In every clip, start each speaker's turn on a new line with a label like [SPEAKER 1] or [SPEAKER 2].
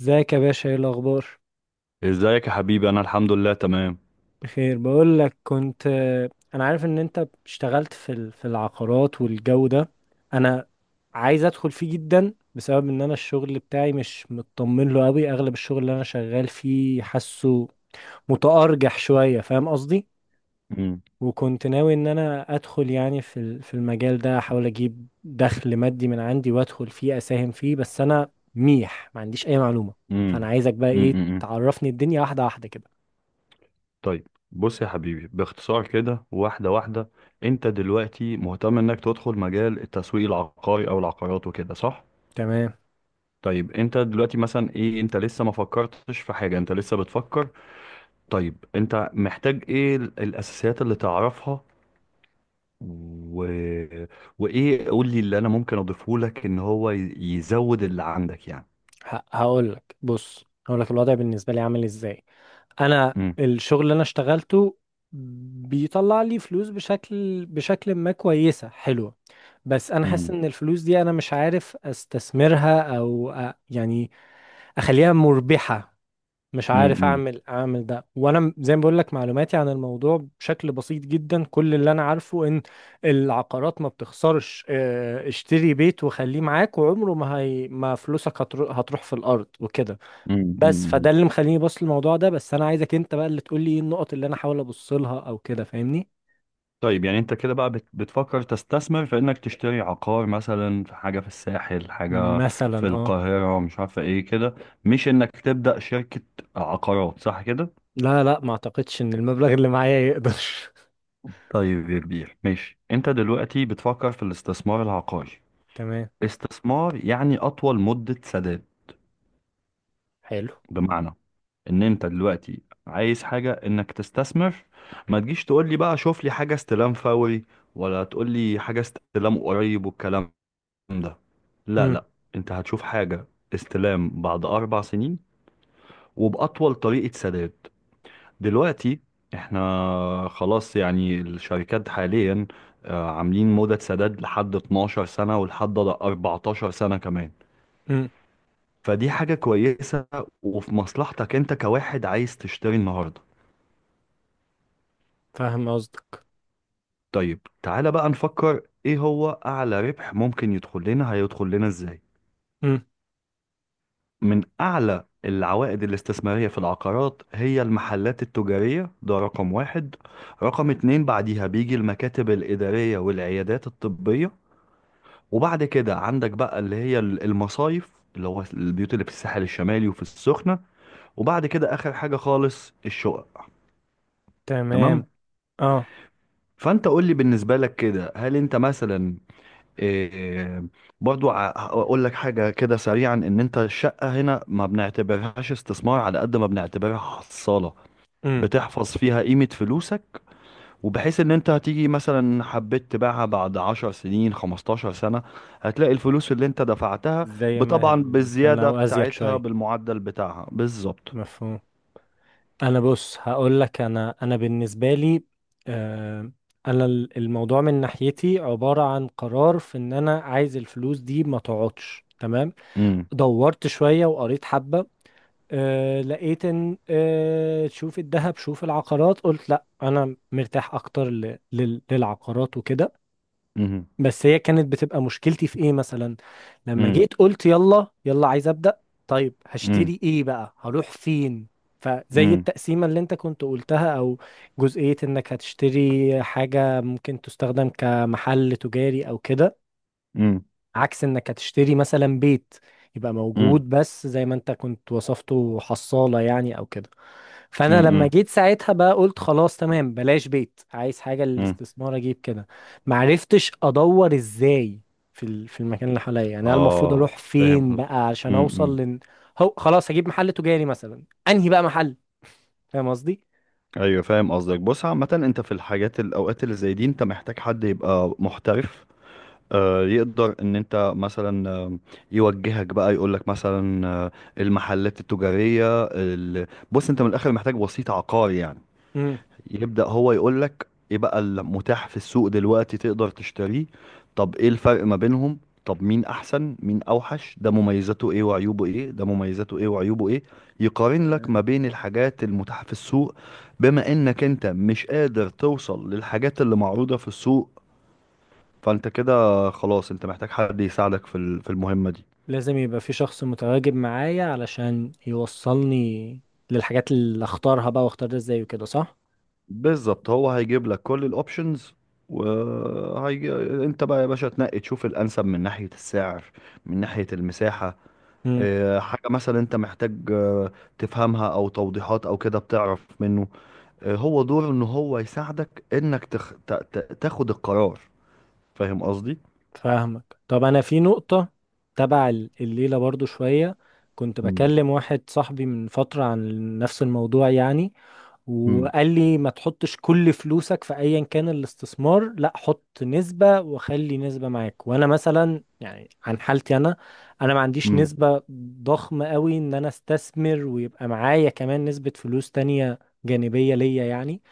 [SPEAKER 1] ازيك يا باشا، ايه الاخبار؟
[SPEAKER 2] ازيك يا حبيبي، انا الحمد لله تمام.
[SPEAKER 1] بخير، بقول لك كنت انا عارف ان انت اشتغلت في في العقارات والجو ده. انا عايز ادخل فيه جدا، بسبب ان انا الشغل بتاعي مش مطمن له قوي. اغلب الشغل اللي انا شغال فيه حاسه متأرجح شوية، فاهم قصدي؟
[SPEAKER 2] امم.
[SPEAKER 1] وكنت ناوي ان انا ادخل يعني في في المجال ده، احاول اجيب دخل مادي من عندي وادخل فيه اساهم فيه، بس انا ميح ما عنديش اي معلومة. فانا
[SPEAKER 2] امم.
[SPEAKER 1] عايزك بقى ايه،
[SPEAKER 2] امم.
[SPEAKER 1] تعرفني الدنيا واحدة واحدة كده.
[SPEAKER 2] طيب بص يا حبيبي، باختصار كده واحده واحده. انت دلوقتي مهتم انك تدخل مجال التسويق العقاري او العقارات وكده، صح؟
[SPEAKER 1] تمام.
[SPEAKER 2] طيب انت دلوقتي مثلا ايه، انت لسه ما فكرتش في حاجه، انت لسه بتفكر؟ طيب انت محتاج ايه الاساسيات اللي تعرفها، و... وايه قول لي اللي انا ممكن اضيفه لك ان هو يزود اللي عندك يعني.
[SPEAKER 1] هقول لك، بص، هقول لك الوضع بالنسبه لي عامل ازاي. انا الشغل اللي انا اشتغلته بيطلع لي فلوس بشكل ما كويسه حلوه. بس انا حاسس
[SPEAKER 2] امم.
[SPEAKER 1] ان الفلوس دي، انا مش عارف استثمرها او يعني اخليها مربحه. مش عارف
[SPEAKER 2] امم.
[SPEAKER 1] اعمل ده، وانا زي ما بقول لك معلوماتي عن الموضوع بشكل بسيط جدا. كل اللي انا عارفه ان العقارات ما بتخسرش، اشتري بيت وخليه معاك وعمره ما هي، ما فلوسك هتروح في الارض وكده. بس فده
[SPEAKER 2] امم.
[SPEAKER 1] اللي مخليني بص للموضوع ده، بس انا عايزك انت بقى اللي تقول لي ايه النقط اللي انا احاول ابص لها او كده، فاهمني؟
[SPEAKER 2] طيب يعني انت كده بقى بتفكر تستثمر في انك تشتري عقار، مثلا في حاجة في الساحل، حاجة في
[SPEAKER 1] مثلا اه.
[SPEAKER 2] القاهرة، مش عارفة ايه كده. مش انك تبدأ شركة عقارات، صح كده؟
[SPEAKER 1] لا لا، ما اعتقدش ان المبلغ اللي معايا يقدر.
[SPEAKER 2] طيب يا كبير ماشي، انت دلوقتي بتفكر في الاستثمار العقاري.
[SPEAKER 1] تمام.
[SPEAKER 2] استثمار يعني اطول مدة سداد.
[SPEAKER 1] حلو.
[SPEAKER 2] بمعنى ان انت دلوقتي عايز حاجة انك تستثمر، ما تجيش تقول لي بقى شوف لي حاجة استلام فوري، ولا تقول لي حاجة استلام قريب والكلام ده. لا
[SPEAKER 1] امم.
[SPEAKER 2] لا، انت هتشوف حاجة استلام بعد 4 سنين وبأطول طريقة سداد. دلوقتي احنا خلاص يعني، الشركات حاليا عاملين مدة سداد لحد 12 سنة ولحد 14 سنة كمان.
[SPEAKER 1] امم.
[SPEAKER 2] فدي حاجة كويسة وفي مصلحتك انت كواحد عايز تشتري النهاردة.
[SPEAKER 1] فاهم قصدك.
[SPEAKER 2] طيب تعالى بقى نفكر ايه هو أعلى ربح ممكن يدخل لنا، هيدخل لنا ازاي.
[SPEAKER 1] امم.
[SPEAKER 2] من أعلى العوائد الاستثمارية في العقارات هي المحلات التجارية، ده رقم واحد. رقم اتنين بعديها بيجي المكاتب الإدارية والعيادات الطبية. وبعد كده عندك بقى اللي هي المصايف، اللي هو البيوت اللي في الساحل الشمالي وفي السخنة. وبعد كده آخر حاجة خالص الشقق.
[SPEAKER 1] تمام.
[SPEAKER 2] تمام.
[SPEAKER 1] اه.
[SPEAKER 2] فأنت قول لي بالنسبة لك كده، هل أنت مثلا إيه، برضو هقول لك حاجة كده سريعا، إن أنت الشقة هنا ما بنعتبرهاش استثمار على قد ما بنعتبرها حصالة،
[SPEAKER 1] امم.
[SPEAKER 2] بتحفظ فيها قيمة فلوسك. وبحيث ان انت هتيجي مثلا حبيت تبيعها بعد 10 سنين 15 سنة، هتلاقي الفلوس اللي انت دفعتها
[SPEAKER 1] زي ما هي
[SPEAKER 2] طبعا
[SPEAKER 1] مثلا،
[SPEAKER 2] بالزيادة
[SPEAKER 1] او ازيد
[SPEAKER 2] بتاعتها
[SPEAKER 1] شويه.
[SPEAKER 2] بالمعدل بتاعها بالظبط.
[SPEAKER 1] مفهوم. انا، بص، هقول لك، انا بالنسبه لي، آه انا الموضوع من ناحيتي عباره عن قرار في ان انا عايز الفلوس دي ما تقعدش. تمام.
[SPEAKER 2] امم.
[SPEAKER 1] دورت شويه وقريت حبه، لقيت ان، شوف الذهب شوف العقارات، قلت لا انا مرتاح اكتر للعقارات وكده.
[SPEAKER 2] امم.
[SPEAKER 1] بس هي كانت بتبقى مشكلتي في ايه مثلا، لما
[SPEAKER 2] امم.
[SPEAKER 1] جيت قلت يلا يلا عايز ابدا. طيب،
[SPEAKER 2] امم.
[SPEAKER 1] هشتري ايه بقى؟ هروح فين؟ فزي
[SPEAKER 2] امم.
[SPEAKER 1] التقسيمة اللي انت كنت قلتها، او جزئية انك هتشتري حاجة ممكن تستخدم كمحل تجاري او كده.
[SPEAKER 2] امم.
[SPEAKER 1] عكس انك هتشتري مثلا بيت يبقى
[SPEAKER 2] امم.
[SPEAKER 1] موجود، بس زي ما انت كنت وصفته حصالة يعني، او كده. فانا لما
[SPEAKER 2] امم.
[SPEAKER 1] جيت ساعتها بقى قلت خلاص، تمام، بلاش بيت، عايز حاجه
[SPEAKER 2] امم.
[SPEAKER 1] للاستثمار، اجيب كده. معرفتش ادور ازاي، في في المكان اللي حواليا، يعني انا المفروض
[SPEAKER 2] اه،
[SPEAKER 1] اروح
[SPEAKER 2] فاهم
[SPEAKER 1] فين
[SPEAKER 2] قصدك.
[SPEAKER 1] بقى عشان اوصل
[SPEAKER 2] امم.
[SPEAKER 1] لن. هو خلاص هجيب محل تجاري مثلا، انهي بقى محل؟ فاهم قصدي؟
[SPEAKER 2] ايوه فاهم قصدك. بص عامة، انت في الحاجات الاوقات اللي زي دي انت محتاج حد يبقى محترف، يقدر ان انت مثلا، يوجهك بقى يقول لك مثلا، المحلات التجارية بص، انت من الاخر محتاج وسيط عقاري يعني،
[SPEAKER 1] امم.
[SPEAKER 2] يبدأ هو يقول لك ايه بقى المتاح في السوق دلوقتي تقدر تشتريه. طب ايه الفرق ما بينهم، طب مين احسن مين اوحش، ده مميزاته ايه وعيوبه ايه، ده مميزاته ايه وعيوبه ايه. يقارن لك ما
[SPEAKER 1] تمام.
[SPEAKER 2] بين الحاجات المتاحة في السوق، بما انك انت مش قادر توصل للحاجات اللي معروضة في السوق. فانت كده خلاص انت محتاج حد يساعدك في المهمة دي.
[SPEAKER 1] لازم يبقى في شخص متواجد معايا علشان يوصلني للحاجات اللي اختارها بقى، واختار ده ازاي وكده، صح؟
[SPEAKER 2] بالظبط، هو هيجيب لك كل الاوبشنز وهي... انت بقى يا باشا تنقي تشوف الانسب من ناحية السعر، من ناحية المساحة، اه، حاجة مثلا انت محتاج تفهمها او توضيحات او كده بتعرف منه. اه، هو دوره ان هو يساعدك انك تاخد القرار. فاهم قصدي؟
[SPEAKER 1] فاهمك، طب انا في نقطة تبع الليلة برضو شوية. كنت
[SPEAKER 2] مم.
[SPEAKER 1] بكلم واحد صاحبي من فترة عن نفس الموضوع يعني.
[SPEAKER 2] مم.
[SPEAKER 1] وقال لي ما تحطش كل فلوسك في ايا كان الاستثمار، لا، حط نسبة وخلي نسبة معاك، وانا مثلا يعني عن حالتي انا. انا ما عنديش
[SPEAKER 2] مم.
[SPEAKER 1] نسبة ضخمة قوي ان انا استثمر ويبقى معايا كمان نسبة فلوس تانية جانبية ليا يعني.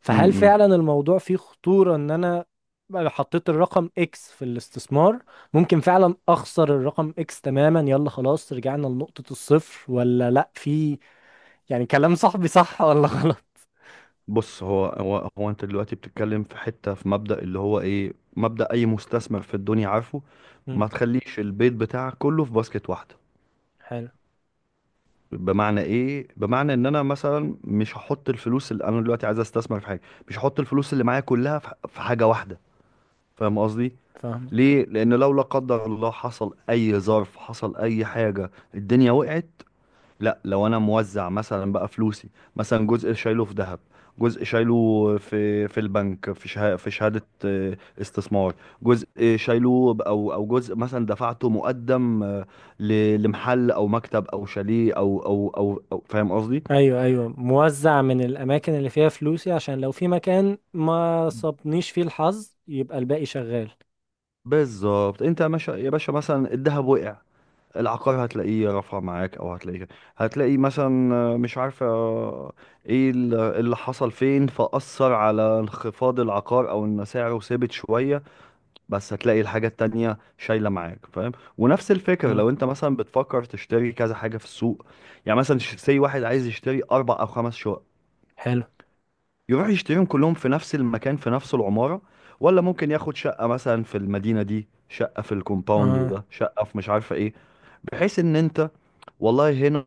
[SPEAKER 1] فهل
[SPEAKER 2] مم.
[SPEAKER 1] فعلا الموضوع فيه خطورة ان انا بقى حطيت الرقم اكس في الاستثمار، ممكن فعلا اخسر الرقم اكس تماما، يلا خلاص، رجعنا لنقطة الصفر، ولا لا، في يعني، كلام صاحبي صح ولا غلط؟
[SPEAKER 2] بص، هو انت دلوقتي بتتكلم في حتة في مبدأ، اللي هو ايه، مبدأ اي مستثمر في الدنيا عارفه:
[SPEAKER 1] مم،
[SPEAKER 2] ما تخليش البيت بتاعك كله في باسكت واحدة.
[SPEAKER 1] حلو.
[SPEAKER 2] بمعنى ايه؟ بمعنى ان انا مثلا مش هحط الفلوس اللي انا دلوقتي عايز استثمر في حاجة، مش هحط الفلوس اللي معايا كلها في حاجة واحدة. فاهم قصدي؟
[SPEAKER 1] فاهمك،
[SPEAKER 2] ليه؟ لان لو لا قدر الله حصل اي ظرف، حصل اي حاجة، الدنيا وقعت. لا، لو انا موزع مثلا بقى فلوسي، مثلا جزء شايله في ذهب، جزء شايله في البنك، في شهادة استثمار، جزء شايله ب- او او جزء مثلا دفعته مقدم، لمحل او مكتب او شاليه او فاهم قصدي.
[SPEAKER 1] ايوه ايوه، موزع من الاماكن اللي فيها فلوسي، عشان لو في مكان ما صابنيش فيه الحظ يبقى الباقي شغال.
[SPEAKER 2] بالظبط. انت يا باشا يا باشا، مثلا الذهب وقع،
[SPEAKER 1] مم.
[SPEAKER 2] العقار هتلاقيه رفع معاك، او هتلاقي مثلا، مش عارفه، ايه اللي حصل فين فأثر على انخفاض العقار، او ان سعره ثابت شويه، بس هتلاقي الحاجه التانية شايله معاك. فاهم؟ ونفس الفكره
[SPEAKER 1] مم،
[SPEAKER 2] لو انت مثلا بتفكر تشتري كذا حاجه في السوق، يعني مثلا سي واحد عايز يشتري 4 او 5 شقق،
[SPEAKER 1] حلو،
[SPEAKER 2] يروح يشتريهم كلهم في نفس المكان في نفس العماره؟ ولا ممكن ياخد شقه مثلا في المدينه دي، شقه في الكومباوند
[SPEAKER 1] اه.
[SPEAKER 2] ده، شقه في مش عارفه ايه، بحيث ان انت والله هنا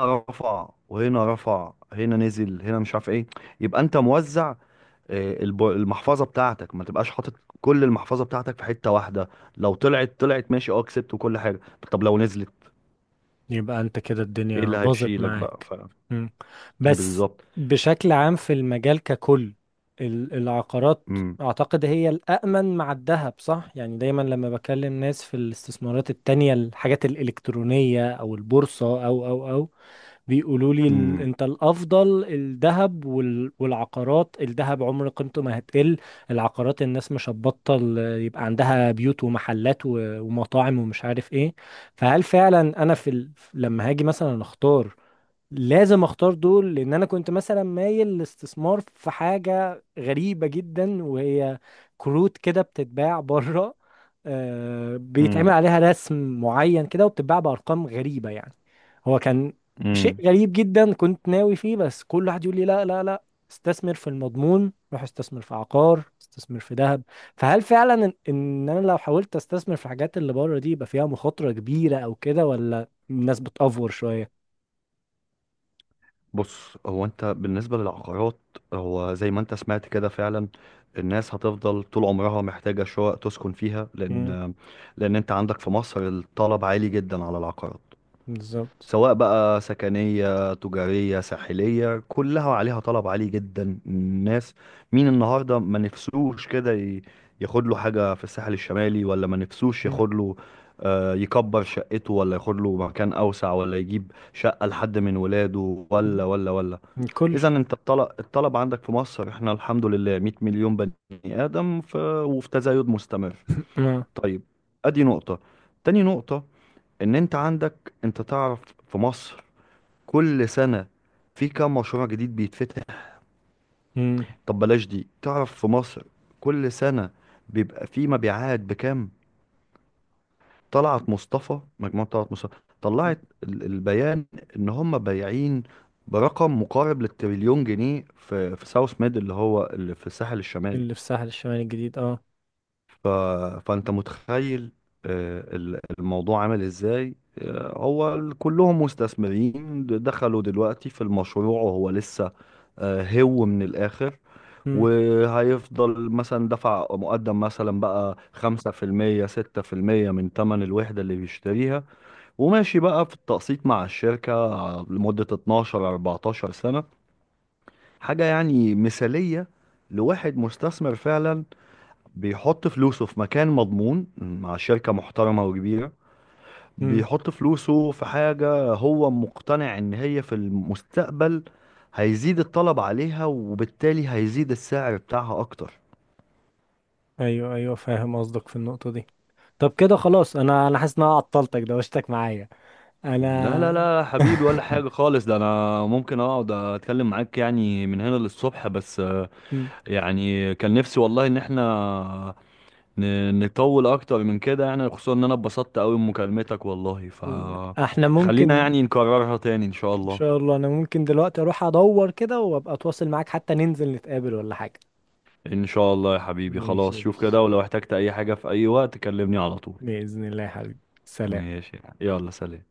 [SPEAKER 2] رفع وهنا رفع هنا نزل هنا مش عارف ايه، يبقى انت موزع. المحفظه بتاعتك ما تبقاش حاطط كل المحفظه بتاعتك في حته واحده. لو طلعت طلعت ماشي، اه كسبت وكل حاجه. طب لو نزلت
[SPEAKER 1] يبقى انت كده
[SPEAKER 2] ايه
[SPEAKER 1] الدنيا
[SPEAKER 2] اللي
[SPEAKER 1] باظت
[SPEAKER 2] هيشيلك بقى
[SPEAKER 1] معاك. مم. بس.
[SPEAKER 2] بالظبط.
[SPEAKER 1] بشكل عام في المجال ككل، العقارات
[SPEAKER 2] امم.
[SPEAKER 1] اعتقد هي الأأمن مع الذهب صح، يعني دايما لما بكلم ناس في الاستثمارات التانية، الحاجات الإلكترونية او البورصة او. بيقولوا لي
[SPEAKER 2] امم.
[SPEAKER 1] انت الافضل الذهب والعقارات، الذهب عمر قيمته ما هتقل. العقارات الناس مش هتبطل يبقى عندها بيوت ومحلات ومطاعم ومش عارف ايه. فهل فعلا انا في لما هاجي مثلا اختار لازم اختار دول، لان انا كنت مثلا مايل للاستثمار في حاجة غريبة جدا، وهي كروت كده بتتباع بره. بيتعمل
[SPEAKER 2] امم.
[SPEAKER 1] عليها رسم معين كده وبتتباع بارقام غريبة يعني. هو كان
[SPEAKER 2] امم.
[SPEAKER 1] شيء غريب جدا كنت ناوي فيه، بس كل واحد يقول لي لا لا لا، استثمر في المضمون، روح استثمر في عقار، استثمر في ذهب. فهل فعلا إن انا لو حاولت استثمر في الحاجات اللي بره دي يبقى فيها مخاطرة كبيرة او كده، ولا الناس بتأفور شوية؟
[SPEAKER 2] بص، هو انت بالنسبة للعقارات، هو زي ما انت سمعت كده فعلا، الناس هتفضل طول عمرها محتاجة شقق تسكن فيها، لان انت عندك في مصر الطلب عالي جدا على العقارات.
[SPEAKER 1] بالظبط.
[SPEAKER 2] سواء بقى سكنية تجارية ساحلية كلها عليها طلب عالي جدا. الناس مين النهاردة ما نفسوش كده ياخد له حاجة في الساحل الشمالي؟ ولا ما نفسوش
[SPEAKER 1] مم.
[SPEAKER 2] ياخد له، يكبر شقته، ولا ياخد له مكان أوسع، ولا يجيب شقة لحد من ولاده، ولا
[SPEAKER 1] مم.
[SPEAKER 2] ولا ولا.
[SPEAKER 1] الكل.
[SPEAKER 2] اذا انت الطلب عندك في مصر، احنا الحمد لله 100 مليون بني ادم وفي تزايد مستمر.
[SPEAKER 1] اه.
[SPEAKER 2] طيب، ادي نقطة. تاني نقطة ان انت عندك، انت تعرف في مصر كل سنة في كام مشروع جديد بيتفتح؟
[SPEAKER 1] مم.
[SPEAKER 2] طب بلاش دي، تعرف في مصر كل سنة بيبقى في مبيعات بكام؟ طلعت مصطفى، مجموعة طلعت مصطفى طلعت البيان ان هم بايعين برقم مقارب للتريليون جنيه، في ساوث ميد اللي هو اللي في الساحل الشمالي.
[SPEAKER 1] اللي في الساحل الشمالي الجديد، اه.
[SPEAKER 2] ف... فانت متخيل الموضوع عامل ازاي، كلهم مستثمرين دخلوا دلوقتي في المشروع وهو لسه، هو من الاخر.
[SPEAKER 1] مم.
[SPEAKER 2] وهيفضل مثلا دفع مقدم مثلا بقى 5% 6% من تمن الوحدة اللي بيشتريها، وماشي بقى في التقسيط مع الشركة لمدة 12 14 سنة. حاجة يعني مثالية لواحد مستثمر فعلا، بيحط فلوسه في مكان مضمون مع شركة محترمة وكبيرة،
[SPEAKER 1] مم.
[SPEAKER 2] بيحط فلوسه في حاجة هو مقتنع إن هي في المستقبل هيزيد الطلب عليها وبالتالي هيزيد السعر بتاعها أكتر.
[SPEAKER 1] ايوه ايوه، فاهم قصدك في النقطة دي. طب كده خلاص، انا حاسس ان انا عطلتك دوشتك معايا،
[SPEAKER 2] لا لا
[SPEAKER 1] انا.
[SPEAKER 2] لا يا حبيبي، ولا حاجة خالص، ده أنا ممكن أقعد أتكلم معاك يعني من هنا للصبح بس،
[SPEAKER 1] مم.
[SPEAKER 2] يعني كان نفسي والله إن إحنا نطول أكتر من كده، يعني خصوصا إن أنا اتبسطت أوي بمكالمتك والله،
[SPEAKER 1] لا، احنا
[SPEAKER 2] فخلينا
[SPEAKER 1] ممكن.
[SPEAKER 2] يعني نكررها تاني إن شاء
[SPEAKER 1] ان
[SPEAKER 2] الله.
[SPEAKER 1] شاء الله انا ممكن دلوقتي اروح ادور كده وابقى اتواصل معاك، حتى ننزل نتقابل ولا حاجة.
[SPEAKER 2] ان شاء الله يا حبيبي،
[SPEAKER 1] ماشي
[SPEAKER 2] خلاص
[SPEAKER 1] يا
[SPEAKER 2] شوف
[SPEAKER 1] باشا،
[SPEAKER 2] كده، ولو احتجت اي حاجة في اي وقت كلمني على طول.
[SPEAKER 1] بإذن الله يا حبيبي، سلام.
[SPEAKER 2] ماشي، يلا سلام.